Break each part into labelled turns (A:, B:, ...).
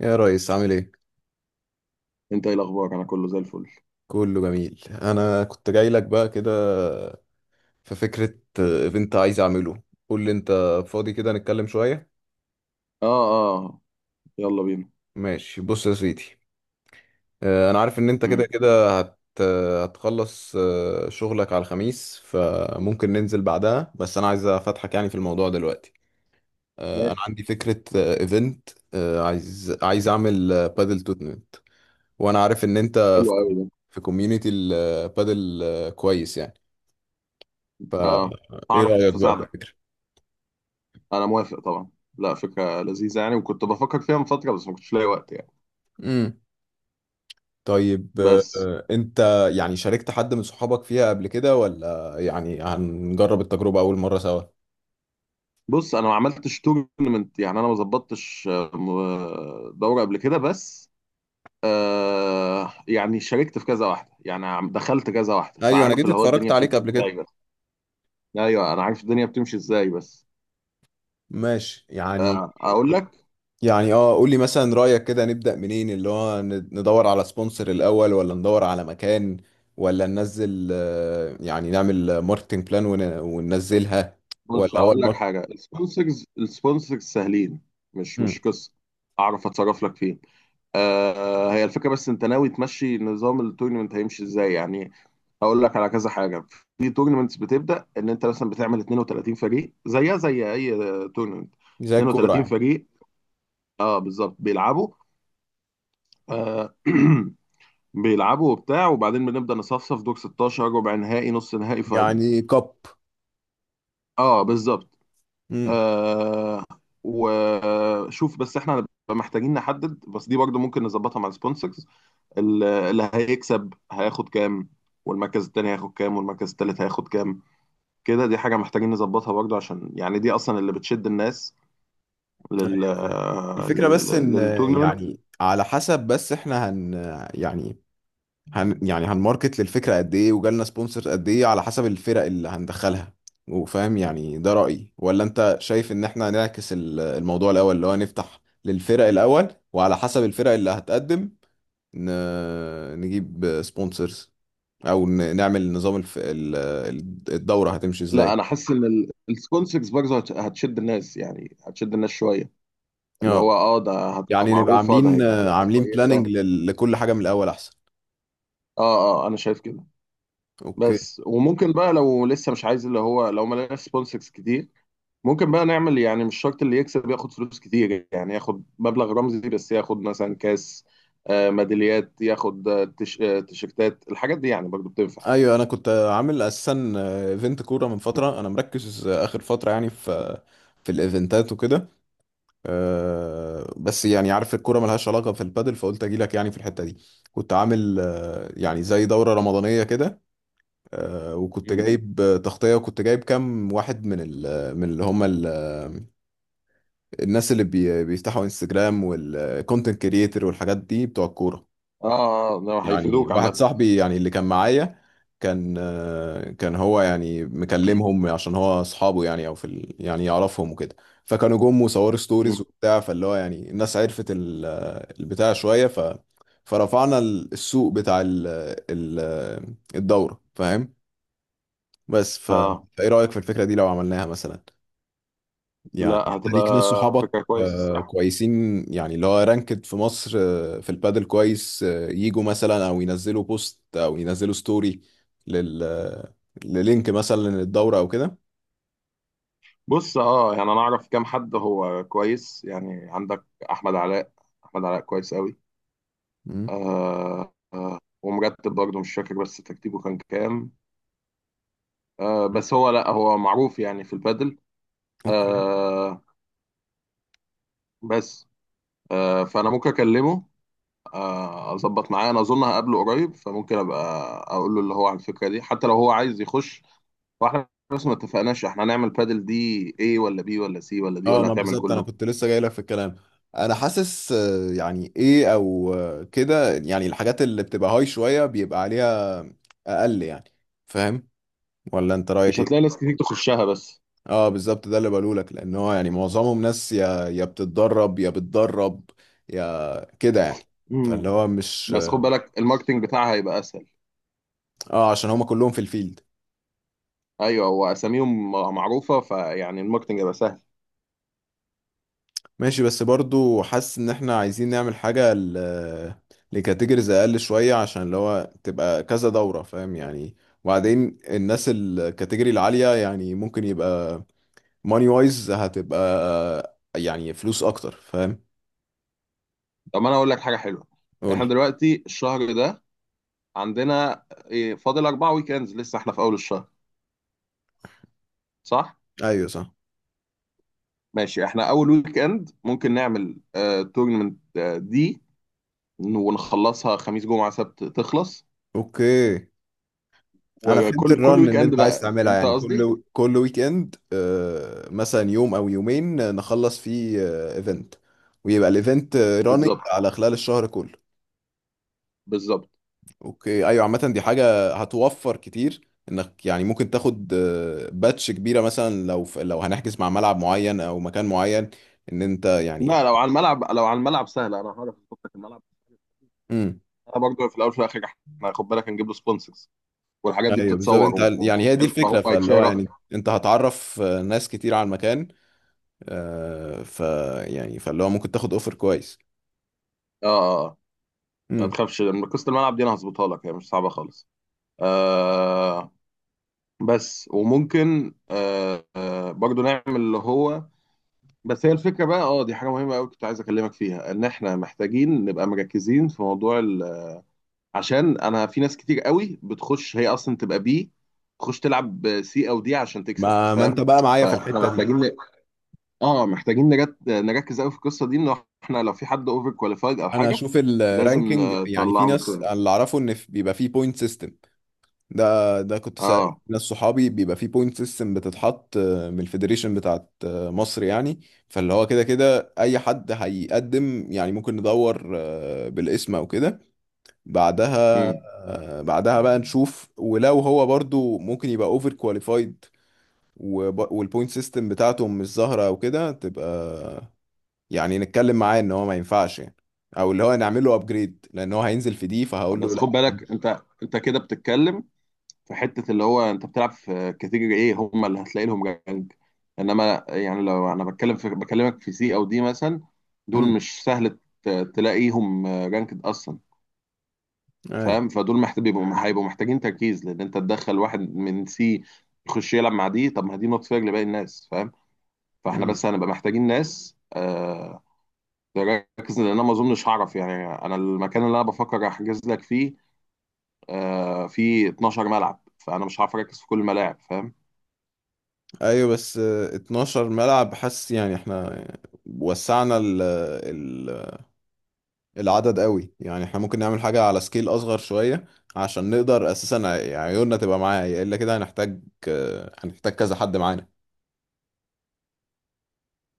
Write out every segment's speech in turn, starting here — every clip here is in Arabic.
A: يا ريس عامل ايه؟
B: انت ايه الاخبار؟ انا كله زي الفل.
A: كله جميل، انا كنت جاي لك بقى كده. في فكرة ايفنت عايز اعمله. قول لي انت فاضي كده نتكلم شوية.
B: اه، اه، يلا بينا.
A: ماشي بص يا سيدي، انا عارف ان انت كده
B: امم.
A: كده هت آه، هتخلص شغلك على الخميس، فممكن ننزل بعدها. بس انا عايز افتحك يعني في الموضوع دلوقتي. انا
B: ماشي.
A: عندي فكرة ايفنت. عايز اعمل بادل تورنمنت. وانا عارف ان انت
B: حلو قوي ده.
A: في كوميونتي البادل كويس يعني.
B: اه،
A: فايه
B: هعرف
A: رأيك بقى في
B: اساعدك.
A: الفكرة؟
B: انا موافق طبعا. لا، فكره لذيذه يعني، وكنت بفكر فيها من فتره بس ما كنتش لاقي وقت يعني.
A: امم طيب.
B: بس.
A: انت يعني شاركت حد من صحابك فيها قبل كده، ولا يعني هنجرب التجربة أول مرة سوا؟
B: بص، انا ما عملتش تورنمنت، يعني انا ما ظبطتش دوره قبل كده، بس. يعني شاركت في كذا واحده، يعني دخلت كذا واحده،
A: ايوه انا
B: فعارف
A: جيت
B: اللي هو
A: اتفرجت
B: الدنيا
A: عليك
B: بتمشي
A: قبل كده.
B: ازاي، بس. ايوه، انا عارف الدنيا بتمشي ازاي، بس.
A: ماشي يعني.
B: اقول لك.
A: يعني اه قول لي مثلا رأيك كده نبدأ منين؟ اللي هو ندور على سبونسر الأول، ولا ندور على مكان، ولا ننزل يعني نعمل ماركتنج بلان وننزلها،
B: بص،
A: ولا هو
B: هقول لك
A: الماركت.
B: حاجه. السبونسرز سهلين. مش
A: مم.
B: مش قصه. اعرف اتصرف لك فيهم. هي الفكره، بس انت ناوي تمشي نظام التورنمنت، هيمشي ازاي يعني؟ هقول لك على كذا حاجه. في تورنمنتس بتبدا ان انت مثلا بتعمل 32 فريق زيها زي اي تورنمنت.
A: زي الكورة
B: 32
A: يعني
B: فريق. اه بالظبط، بيلعبوا. آه بيلعبوا وبتاع، وبعدين بنبدا نصفصف: دور 16، ربع نهائي، نص نهائي، فاينل.
A: يعني كاب.
B: اه بالظبط. آه وشوف بس، احنا هنبقى محتاجين نحدد، بس دي برضو ممكن نظبطها مع السبونسرز. اللي هيكسب هياخد كام؟ والمركز التاني هياخد كام؟ والمركز التالت هياخد كام؟ كده، دي حاجة محتاجين نظبطها برضو، عشان يعني دي أصلا اللي بتشد الناس لل
A: فاهم.
B: آه،
A: الفكرة
B: لل
A: بس ان
B: للتورنمنت.
A: يعني على حسب. بس احنا هن يعني، هن يعني هنماركت للفكرة قد ايه، وجالنا سبونسرز قد ايه على حسب الفرق اللي هندخلها. وفاهم يعني ده رأيي، ولا انت شايف ان احنا نعكس الموضوع الاول، اللي هو نفتح للفرق الاول، وعلى حسب الفرق اللي هتقدم ن... نجيب سبونسرز، او نعمل نظام الدورة هتمشي
B: لا،
A: ازاي.
B: أنا حاسس إن السبونسرز برضو هتشد الناس، يعني هتشد الناس شوية. اللي هو
A: اه
B: ده هتبقى
A: يعني نبقى
B: معروفة، ده
A: عاملين
B: هيبقى فيها ناس
A: عاملين بلاننج
B: كويسة.
A: لكل حاجة من الاول احسن.
B: اه، اه، أنا شايف كده.
A: اوكي.
B: بس وممكن بقى، لو لسه مش عايز، اللي هو لو ما لقاش سبونسرز كتير، ممكن بقى نعمل يعني مش شرط اللي يكسب ياخد فلوس كتير، يعني ياخد مبلغ رمزي بس، ياخد مثلا كاس، ميداليات، ياخد تيشيرتات، الحاجات دي يعني برضو بتنفع.
A: ايوه انا كنت عامل اساسا ايفنت كوره من فتره. انا مركز اخر فتره يعني في الايفنتات وكده. بس يعني عارف الكوره ملهاش علاقه في البادل، فقلت اجي لك يعني في الحته دي. كنت عامل يعني زي دوره رمضانيه كده. وكنت
B: مم.
A: جايب تغطيه، وكنت جايب كام واحد من ال من اللي هم الناس اللي بيفتحوا انستجرام، والكونتنت كريتور والحاجات دي بتوع الكوره.
B: اه، اه، لا،
A: يعني
B: هيفيدوك
A: واحد
B: عامة.
A: صاحبي يعني اللي كان معايا، كان هو يعني مكلمهم، عشان هو اصحابه يعني او يعني يعرفهم وكده. فكانوا جم وصوروا
B: مم.
A: ستوريز وبتاع. فاللي هو يعني الناس عرفت ال... آه، البتاع شويه فرفعنا السوق بتاع ال... ال... آه، الدوره، فاهم. بس
B: اه،
A: فايه رايك في الفكره دي لو عملناها مثلا؟
B: لا،
A: يعني انت ليك ناس
B: هتبقى
A: صحابك
B: فكرة كويسة الصراحة.
A: كويسين، يعني اللي هو رانكد في مصر في البادل كويس، يجوا مثلا، او ينزلوا بوست او ينزلوا ستوري لل آه، للينك مثلا للدورة او كده.
B: بص، اه يعني انا اعرف كام حد هو كويس يعني عندك. احمد علاء. احمد علاء كويس قوي.
A: مم.
B: ومرتب برضه، مش فاكر بس ترتيبه كان كام. بس هو، لا، هو معروف يعني في البادل.
A: اوكي.
B: آه بس. فأنا ممكن أكلمه، أظبط معاه. أنا أظن هقابله قريب، فممكن أبقى أقول له اللي هو على الفكرة دي، حتى لو هو عايز يخش. واحنا بس ما اتفقناش احنا هنعمل بادل دي A ولا B ولا C، ولا دي
A: اه،
B: ولا
A: ما
B: هتعمل
A: بالظبط انا
B: كله.
A: كنت لسه جاي لك في الكلام. انا حاسس يعني ايه، او كده يعني. الحاجات اللي بتبقى هاي شوية بيبقى عليها اقل يعني، فاهم؟ ولا انت رأيك
B: مش هتلاقي
A: ايه؟
B: ناس كتير تخشها، بس.
A: اه بالظبط ده اللي بقوله لك، لان هو يعني معظمهم ناس يا بتتدرب، يا بتدرب، يا كده يعني،
B: مم.
A: فاللي هو مش.
B: بس خد بالك الماركتينج بتاعها هيبقى أسهل.
A: اه عشان هما كلهم في الفيلد.
B: أيوه، وأساميهم معروفة، فيعني الماركتينج هيبقى سهل.
A: ماشي، بس برضو حاسس ان احنا عايزين نعمل حاجة لكاتيجوريز اقل شوية، عشان اللي هو تبقى كذا دورة، فاهم يعني. وبعدين الناس الكاتيجوري العالية يعني ممكن يبقى ماني وايز، هتبقى يعني فلوس اكتر، فاهم.
B: طب ما انا اقول لك حاجه حلوه. احنا
A: قولي.
B: دلوقتي الشهر ده، عندنا فاضل اربع ويك اندز، لسه احنا في اول الشهر، صح؟
A: ايوه صح.
B: ماشي، احنا اول ويك اند ممكن نعمل تورنمنت دي، ونخلصها خميس، جمعه، سبت، تخلص.
A: اوكي. انا فهمت
B: وكل
A: الرن
B: ويك
A: اللي
B: اند
A: انت عايز
B: بقى.
A: تعملها،
B: فهمت
A: يعني
B: قصدي؟
A: كل ويك اند مثلا يوم او يومين نخلص فيه ايفنت، ويبقى الايفنت راننج
B: بالظبط.
A: على خلال الشهر كله.
B: بالظبط.
A: اوكي. ايوه عامه دي حاجه هتوفر كتير، انك يعني ممكن تاخد باتش كبيره مثلا لو لو هنحجز مع ملعب معين او مكان معين. ان انت يعني.
B: لا، لو على الملعب سهله، انا هعرف اظبط لك الملعب.
A: امم
B: انا برضه في الاول وفي الاخر، احنا خد بالك هنجيب له سبونسرز، والحاجات دي
A: ايوه بالظبط.
B: بتتصور
A: انت يعني هي دي
B: وبتتعمل،
A: الفكره،
B: فهو
A: فاللي هو
B: هيتشهر اكتر.
A: يعني انت هتعرف ناس كتير على المكان، آه، ف يعني فاللي هو ممكن تاخد اوفر كويس.
B: اه، آه. آه. ما
A: امم
B: تخافش، لما قصة الملعب دي انا هظبطها لك، هي مش صعبة خالص. آه. بس وممكن برضو نعمل اللي هو. بس هي الفكرة بقى، دي حاجة مهمة قوي كنت عايز اكلمك فيها، ان احنا محتاجين نبقى مركزين في موضوع ال... عشان انا في ناس كتير قوي بتخش، هي اصلا تبقى بي، تخش تلعب سي او دي عشان تكسب.
A: ما انت
B: فاهم؟
A: بقى معايا في
B: فاحنا
A: الحته دي.
B: محتاجين. اه، محتاجين نركز قوي في القصة دي، ان احنا لو في حد اوفر كواليفايد او
A: انا
B: حاجة،
A: اشوف
B: لازم
A: الرانكينج، يعني في
B: نطلعه من
A: ناس. أنا
B: التورنمنت.
A: اللي اعرفه ان بيبقى فيه بوينت سيستم. ده كنت سائل
B: اه،
A: ناس صحابي بيبقى فيه بوينت سيستم بتتحط من الفيدريشن بتاعت مصر يعني. فاللي هو كده كده اي حد هيقدم يعني ممكن ندور بالاسم او كده بعدها. بعدها بقى نشوف، ولو هو برضو ممكن يبقى اوفر كواليفايد، والبوينت سيستم بتاعته مش ظاهره او كده، تبقى يعني نتكلم معاه ان هو ما ينفعش يعني، او اللي هو نعمل له ابجريد، لان هو هينزل في دي فهقول له
B: بس
A: لا.
B: خد بالك، انت كده بتتكلم في حته اللي هو انت بتلعب في كاتيجوري ايه، هم اللي هتلاقي لهم جنج. انما يعني لو انا بتكلم في بكلمك في سي او دي مثلا، دول
A: امم
B: مش سهل تلاقيهم رانكد اصلا.
A: اي.
B: فاهم؟ فدول محتاج هيبقوا محتاجين تركيز، لان انت تدخل واحد من سي يخش يلعب مع دي، طب ما دي نوت فير لباقي الناس. فاهم؟ فاحنا
A: امم
B: بس هنبقى محتاجين ناس. تركز، لان انا ما اظنش هعرف يعني. انا المكان اللي انا بفكر احجز لك فيه، في 12 ملعب، فانا مش عارف اركز في كل الملاعب. فاهم؟
A: ايوه، بس 12 ملعب. حاسس يعني احنا وسعنا ال العدد قوي. يعني احنا ممكن نعمل حاجة على سكيل اصغر شوية، عشان نقدر اساسا عيوننا تبقى معايا. الا كده، هنحتاج كذا حد معانا.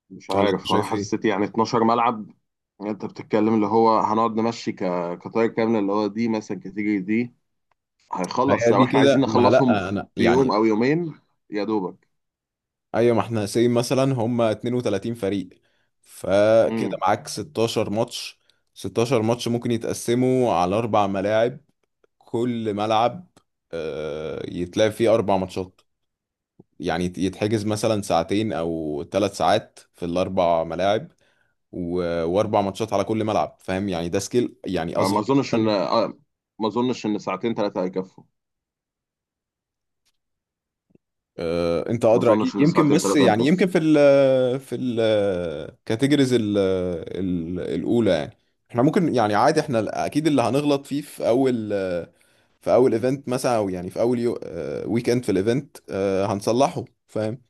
B: مش
A: ولا انت
B: عارف، انا
A: شايف ايه؟
B: حسيت يعني 12 ملعب. انت بتتكلم اللي هو هنقعد نمشي. كطاير كامله، اللي هو دي مثلا كاتيجوري دي،
A: ما
B: هيخلص
A: هي
B: لو
A: دي
B: احنا عايزين
A: كده. ما
B: نخلصهم
A: لا انا
B: في يوم
A: يعني
B: او يومين، يا دوبك.
A: ايوه. ما احنا سي مثلا هم 32 فريق، فكده
B: امم.
A: معاك 16 ماتش. 16 ماتش ممكن يتقسموا على اربع ملاعب. كل ملعب يتلعب فيه اربع ماتشات، يعني يتحجز مثلا ساعتين او ثلاث ساعات في الاربع ملاعب، واربع ماتشات على كل ملعب، فاهم يعني؟ ده سكيل يعني
B: آه، ما
A: اصغر.
B: اظنش ان آه، ما اظنش ان ساعتين ثلاثه هيكفوا.
A: انت
B: ما
A: ادرى اكيد،
B: اظنش ان
A: يمكن.
B: ساعتين
A: بس
B: ثلاثه
A: يعني
B: هيكفوا.
A: يمكن في الكاتيجوريز الاولى يعني، احنا ممكن يعني عادي. احنا اكيد اللي هنغلط فيه في اول، ايفنت مثلا، او يعني في اول ويك اند في الايفنت هنصلحه، فاهم.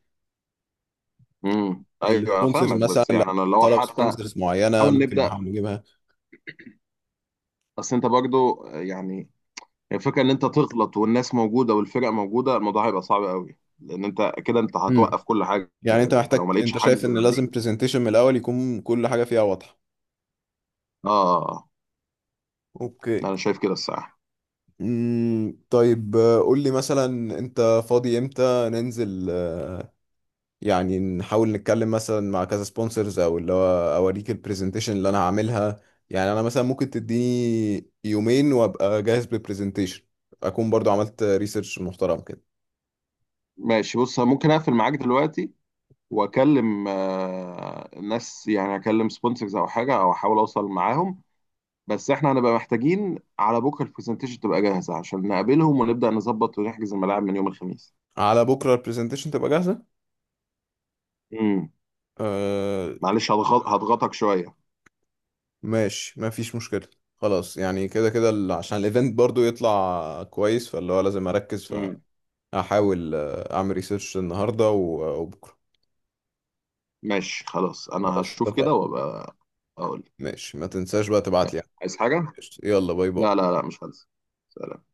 B: امم، ايوه، أنا
A: السبونسرز
B: فاهمك،
A: مثلا
B: بس
A: لو
B: يعني انا لو
A: طلب
B: حتى
A: سبونسرز معينه
B: حاول
A: ممكن
B: نبدا.
A: نحاول نجيبها.
B: بس انت برضو يعني الفكره ان انت تغلط والناس موجوده والفرق موجوده، الموضوع هيبقى صعب قوي، لان انت كده انت
A: امم
B: هتوقف كل حاجه،
A: يعني
B: لان انت لو ما لقيتش
A: انت شايف
B: حجز
A: ان لازم
B: بعدين.
A: برزنتيشن من الاول يكون كل حاجه فيها واضحه.
B: اه. آه.
A: اوكي.
B: انا شايف كده الساعه.
A: مم، طيب، قول لي مثلا انت فاضي امتى ننزل. يعني نحاول نتكلم مثلا مع كذا سبونسرز، او اللي هو اوريك البرزنتيشن اللي انا هعملها. يعني انا مثلا ممكن تديني يومين وابقى جاهز بالبرزنتيشن، اكون برضو عملت ريسيرش محترم كده.
B: ماشي، بص أنا ممكن اقفل معاك دلوقتي، واكلم ناس، يعني اكلم سبونسرز او حاجه، او احاول اوصل معاهم. بس احنا هنبقى محتاجين على بكره البرزنتيشن تبقى جاهزه، عشان نقابلهم ونبدا نظبط ونحجز الملاعب من يوم الخميس.
A: على بكره البرزنتيشن تبقى جاهزه.
B: امم.
A: آه.
B: معلش، هضغطك شويه.
A: ماشي، ما فيش مشكله. خلاص، يعني كده كده عشان الايفنت برضو يطلع كويس، فاللي هو لازم اركز
B: امم.
A: هحاول اعمل ريسيرش النهارده وبكره.
B: ماشي، خلاص، انا
A: خلاص
B: هشوف كده
A: اتفقنا.
B: وابقى اقول.
A: ماشي، ما تنساش بقى تبعت لي.
B: ماشي، عايز حاجة؟
A: قشطة. يلا باي باي.
B: لا، لا، لا، مش هنسى. سلام.